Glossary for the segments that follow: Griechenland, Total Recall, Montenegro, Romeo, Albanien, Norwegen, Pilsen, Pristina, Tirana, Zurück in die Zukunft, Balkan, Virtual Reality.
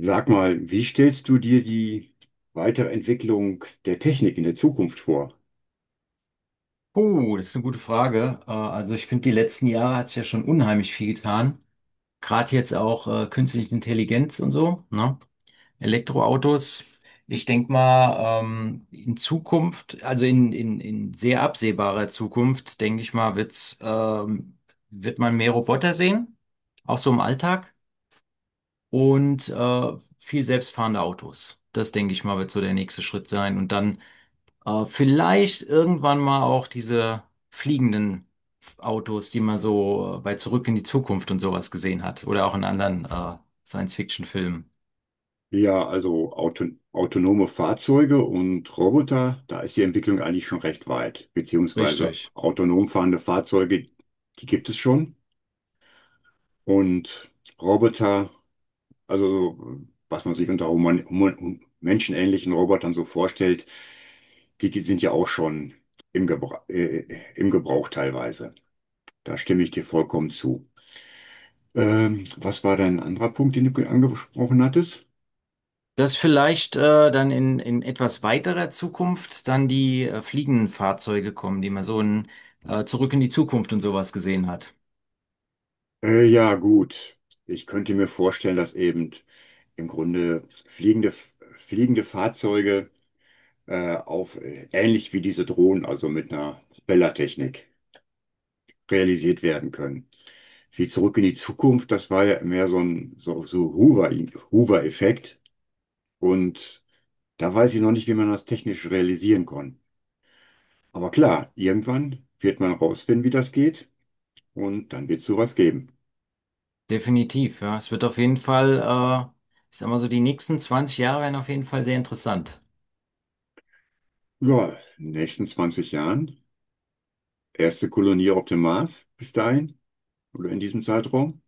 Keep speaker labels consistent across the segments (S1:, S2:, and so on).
S1: Sag mal, wie stellst du dir die Weiterentwicklung der Technik in der Zukunft vor?
S2: Oh, das ist eine gute Frage. Also ich finde, die letzten Jahre hat sich ja schon unheimlich viel getan. Gerade jetzt auch künstliche Intelligenz und so, ne? Elektroautos. Ich denke mal, in Zukunft, also in sehr absehbarer Zukunft, denke ich mal, wird man mehr Roboter sehen, auch so im Alltag, und viel selbstfahrende Autos. Das denke ich mal, wird so der nächste Schritt sein. Und dann vielleicht irgendwann mal auch diese fliegenden Autos, die man so bei Zurück in die Zukunft und sowas gesehen hat. Oder auch in anderen Science-Fiction-Filmen.
S1: Ja, also autonome Fahrzeuge und Roboter, da ist die Entwicklung eigentlich schon recht weit, beziehungsweise
S2: Richtig.
S1: autonom fahrende Fahrzeuge, die gibt es schon. Und Roboter, also so, was man sich unter human human menschenähnlichen Robotern so vorstellt, die sind ja auch schon im Gebrauch, äh, im Gebrauch teilweise. Da stimme ich dir vollkommen zu. Was war dein anderer Punkt, den du angesprochen hattest?
S2: Dass vielleicht dann in etwas weiterer Zukunft dann die fliegenden Fahrzeuge kommen, die man so in Zurück in die Zukunft und sowas gesehen hat.
S1: Ja, gut. Ich könnte mir vorstellen, dass eben im Grunde fliegende Fahrzeuge auf ähnlich wie diese Drohnen, also mit einer Propellertechnik, realisiert werden können. Wie Zurück in die Zukunft, das war ja mehr so ein so Hoover-Effekt. Und da weiß ich noch nicht, wie man das technisch realisieren kann. Aber klar, irgendwann wird man rausfinden, wie das geht. Und dann wird es sowas geben.
S2: Definitiv, ja. Es wird auf jeden Fall, äh, ich sag mal so, die nächsten 20 Jahre werden auf jeden Fall sehr interessant.
S1: Ja, in den nächsten 20 Jahren. Erste Kolonie auf dem Mars bis dahin oder in diesem Zeitraum.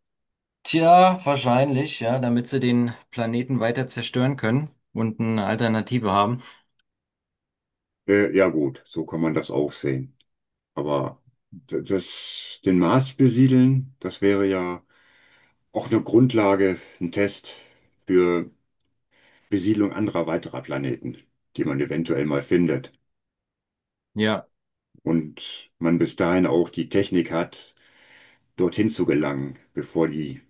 S2: Tja, wahrscheinlich, ja, damit sie den Planeten weiter zerstören können und eine Alternative haben.
S1: Ja gut, so kann man das auch sehen. Aber das, den Mars besiedeln, das wäre ja auch eine Grundlage, ein Test für Besiedlung anderer weiterer Planeten, die man eventuell mal findet.
S2: Ja,
S1: Und man bis dahin auch die Technik hat, dorthin zu gelangen, bevor die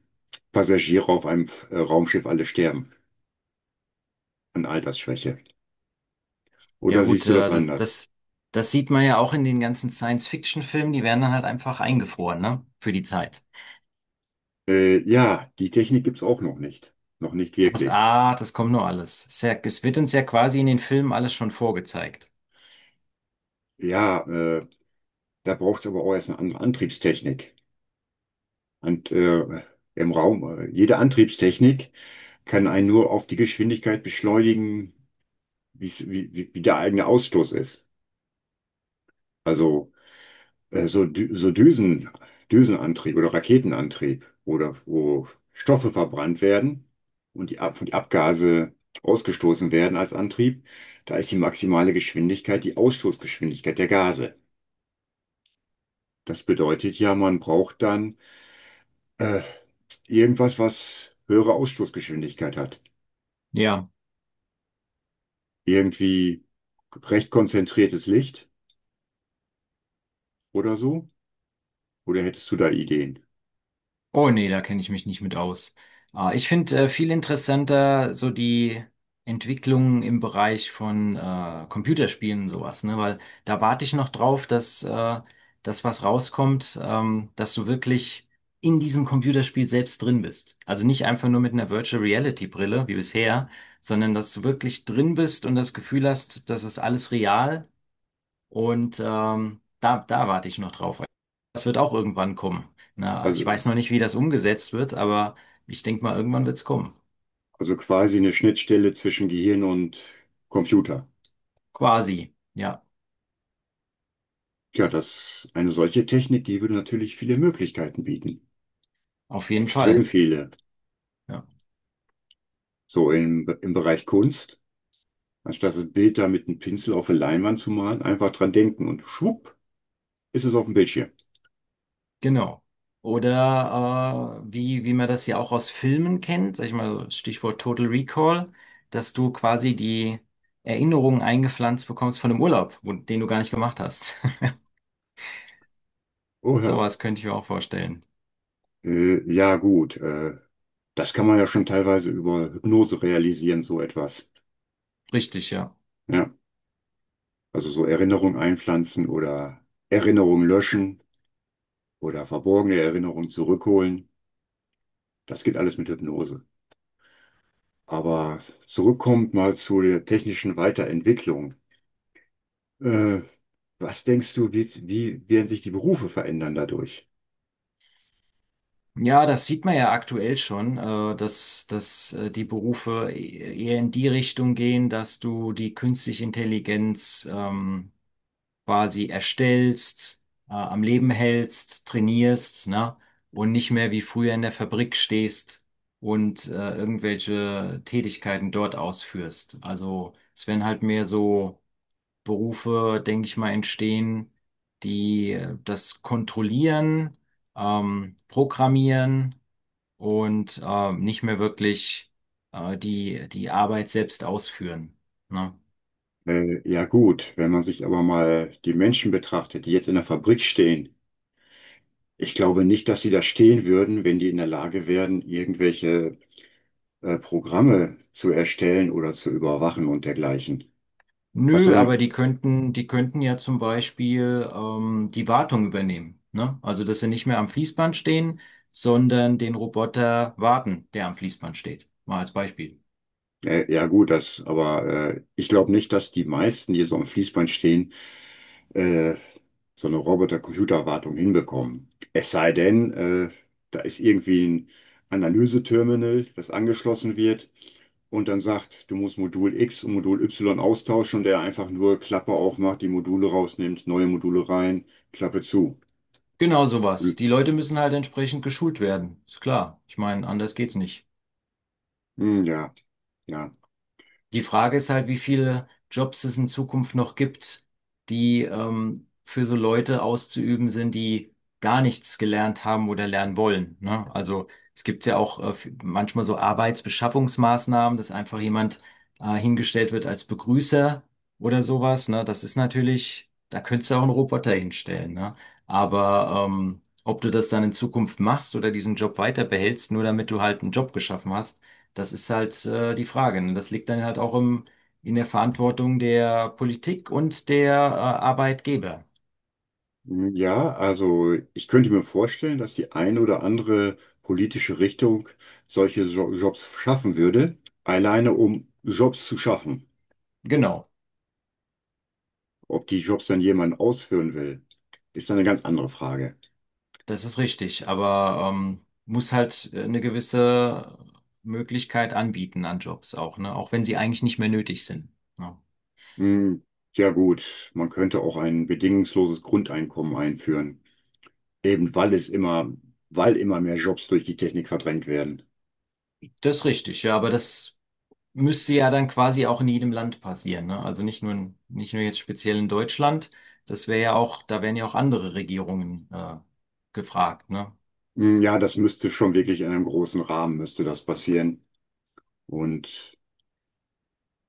S1: Passagiere auf einem Raumschiff alle sterben an Altersschwäche.
S2: ja
S1: Oder
S2: gut,
S1: siehst du das anders?
S2: das sieht man ja auch in den ganzen Science-Fiction-Filmen, die werden dann halt einfach eingefroren, ne, für die Zeit.
S1: Ja, die Technik gibt's auch noch nicht. Noch nicht
S2: Das,
S1: wirklich.
S2: ah, das kommt nur alles. Es ist ja- es wird uns ja quasi in den Filmen alles schon vorgezeigt.
S1: Ja, da braucht's aber auch erst eine andere Antriebstechnik. Und im Raum, jede Antriebstechnik kann einen nur auf die Geschwindigkeit beschleunigen, wie der eigene Ausstoß ist. Also so Düsenantrieb oder Raketenantrieb, oder wo Stoffe verbrannt werden und die, Ab und die Abgase ausgestoßen werden als Antrieb, da ist die maximale Geschwindigkeit die Ausstoßgeschwindigkeit der Gase. Das bedeutet ja, man braucht dann äh, irgendwas, was höhere Ausstoßgeschwindigkeit hat.
S2: Ja.
S1: Irgendwie recht konzentriertes Licht oder so? Oder hättest du da Ideen?
S2: Oh nee, da kenne ich mich nicht mit aus. Ah, ich finde viel interessanter so die Entwicklungen im Bereich von Computerspielen und sowas, ne? Weil da warte ich noch drauf, dass das was rauskommt, dass du wirklich in diesem Computerspiel selbst drin bist. Also nicht einfach nur mit einer Virtual Reality Brille wie bisher, sondern dass du wirklich drin bist und das Gefühl hast, das ist alles real. Und da warte ich noch drauf. Das wird auch irgendwann kommen. Na,
S1: Also,
S2: ich weiß noch nicht, wie das umgesetzt wird, aber ich denke mal, irgendwann wird es kommen.
S1: also quasi eine Schnittstelle zwischen Gehirn und Computer.
S2: Quasi. Ja,
S1: Ja, das, eine solche Technik, die würde natürlich viele Möglichkeiten bieten.
S2: auf jeden
S1: Extrem
S2: Fall.
S1: viele.
S2: Ja,
S1: So im Bereich Kunst, anstatt das Bild da mit einem Pinsel auf eine Leinwand zu malen, einfach dran denken und schwupp, ist es auf dem Bildschirm.
S2: genau. Oder wie man das ja auch aus Filmen kennt, sag ich mal, Stichwort Total Recall, dass du quasi die Erinnerungen eingepflanzt bekommst von einem Urlaub, wo- den du gar nicht gemacht hast.
S1: Oh ja.
S2: Sowas könnte ich mir auch vorstellen.
S1: Äh, ja, gut. Äh, Das kann man ja schon teilweise über Hypnose realisieren, so etwas.
S2: Richtig, ja.
S1: Ja. Also so Erinnerung einpflanzen oder Erinnerung löschen oder verborgene Erinnerungen zurückholen. Das geht alles mit Hypnose. Aber zurückkommt mal zu der technischen Weiterentwicklung. Äh, Was denkst du, wie werden sich die Berufe verändern dadurch?
S2: Ja, das sieht man ja aktuell schon, dass die Berufe e- eher in die Richtung gehen, dass du die künstliche Intelligenz quasi erstellst, am Leben hältst, trainierst, ne? Und nicht mehr wie früher in der Fabrik stehst und irgendwelche Tätigkeiten dort ausführst. Also es werden halt mehr so Berufe, denke ich mal, entstehen, die das kontrollieren, programmieren und nicht mehr wirklich die Arbeit selbst ausführen. Ne?
S1: Ja gut, wenn man sich aber mal die Menschen betrachtet, die jetzt in der Fabrik stehen, ich glaube nicht, dass sie da stehen würden, wenn die in der Lage wären, irgendwelche Programme zu erstellen oder zu überwachen und dergleichen. Was soll
S2: Nö, aber
S1: denn?
S2: die könnten ja zum Beispiel die Wartung übernehmen. Ne? Also, dass sie nicht mehr am Fließband stehen, sondern den Roboter warten, der am Fließband steht. Mal als Beispiel.
S1: Ja gut, das, aber ich glaube nicht, dass die meisten, die so am Fließband stehen, äh, so eine Roboter-Computer-Wartung hinbekommen. Es sei denn, da ist irgendwie ein Analyseterminal, das angeschlossen wird und dann sagt, du musst Modul X und Modul Y austauschen und der einfach nur Klappe aufmacht, die Module rausnimmt, neue Module rein, Klappe zu.
S2: Genau sowas. Die Leute müssen halt entsprechend geschult werden. Ist klar. Ich meine, anders geht's nicht.
S1: Hm. Ja, ja.
S2: Die Frage ist halt, wie viele Jobs es in Zukunft noch gibt, die für so Leute auszuüben sind, die gar nichts gelernt haben oder lernen wollen. Ne? Also es gibt ja auch f- manchmal so Arbeitsbeschaffungsmaßnahmen, dass einfach jemand hingestellt wird als Begrüßer oder sowas. Ne? Das ist natürlich, da könntest du auch einen Roboter hinstellen. Ne? Aber ob du das dann in Zukunft machst oder diesen Job weiter behältst, nur damit du halt einen Job geschaffen hast, das ist halt die Frage. Ne? Das liegt dann halt auch in der Verantwortung der Politik und der Arbeitgeber.
S1: Hm, ja, also ich könnte mir vorstellen, dass die eine oder andere politische Richtung solche Jobs schaffen würde, alleine um Jobs zu schaffen.
S2: Genau,
S1: Ob die Jobs dann jemand ausführen will, ist dann eine ganz andere Frage.
S2: das ist richtig. Aber muss halt eine gewisse Möglichkeit anbieten an Jobs auch, ne? Auch wenn sie eigentlich nicht mehr nötig sind. Ja.
S1: Hm, ja gut, man könnte auch ein bedingungsloses Grundeinkommen einführen, eben weil immer mehr Jobs durch die Technik verdrängt werden.
S2: Das ist richtig, ja, aber das müsste ja dann quasi auch in jedem Land passieren, ne? Also nicht nicht nur jetzt speziell in Deutschland. Das wäre ja auch, da wären ja auch andere Regierungen gefragt, ne?
S1: Hm, ja, das müsste schon wirklich in einem großen Rahmen müsste das passieren. Und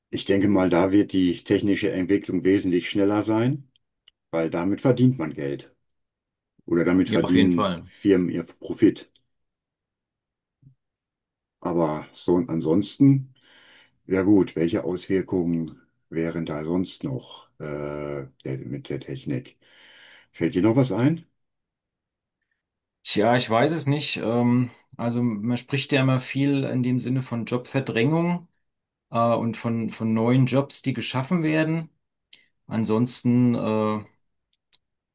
S1: ich denke mal, da wird die technische Entwicklung wesentlich schneller sein, weil damit verdient man Geld oder damit
S2: Ja, auf jeden
S1: verdienen
S2: Fall.
S1: Firmen ihr Profit. Aber so und ansonsten. Ja gut, welche Auswirkungen wären da sonst noch mit der Technik? Fällt dir noch was ein?
S2: Tja, ich weiß es nicht. Also man spricht ja immer viel in dem Sinne von Jobverdrängung von neuen Jobs, die geschaffen werden. Ansonsten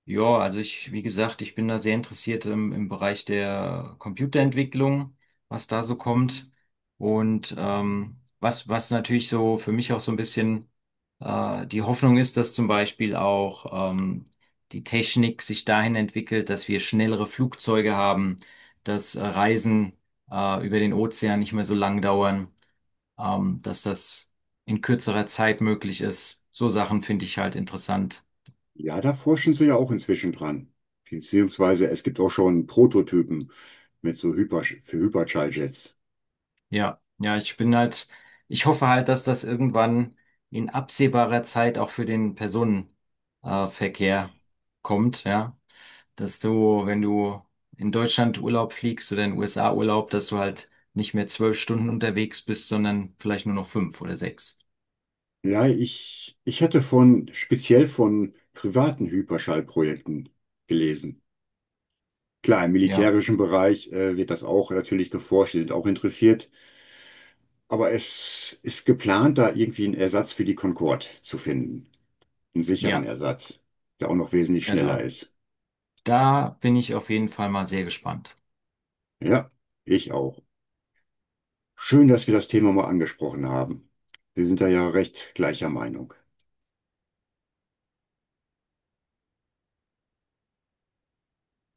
S2: ja, also wie gesagt, ich bin da sehr interessiert im Bereich der Computerentwicklung, was da so kommt. Und was natürlich so für mich auch so ein bisschen die Hoffnung ist, dass zum Beispiel auch die Technik sich dahin entwickelt, dass wir schnellere Flugzeuge haben, dass Reisen über den Ozean nicht mehr so lang dauern, dass das in kürzerer Zeit möglich ist. So Sachen finde ich halt interessant.
S1: Ja, da forschen sie ja auch inzwischen dran. Beziehungsweise es gibt auch schon Prototypen für Hyperschalljets.
S2: Ja, ja, ich bin halt, ich hoffe halt, dass das irgendwann in absehbarer Zeit auch für den Personenverkehr Verkehr kommt, ja. Dass du, wenn du in Deutschland Urlaub fliegst oder in den USA Urlaub, dass du halt nicht mehr 12 Stunden unterwegs bist, sondern vielleicht nur noch fünf oder sechs.
S1: Ja, ich hatte von speziell von privaten Hyperschallprojekten gelesen. Klar, im
S2: Ja,
S1: militärischen Bereich wird das auch natürlich geforscht, die sind auch interessiert. Aber es ist geplant, da irgendwie einen Ersatz für die Concorde zu finden. Einen sicheren
S2: ja,
S1: Ersatz, der auch noch wesentlich
S2: ja,
S1: schneller
S2: da.
S1: ist.
S2: Da bin ich auf jeden Fall mal sehr gespannt.
S1: Ja, ich auch. Schön, dass wir das Thema mal angesprochen haben. Wir sind da ja recht gleicher Meinung.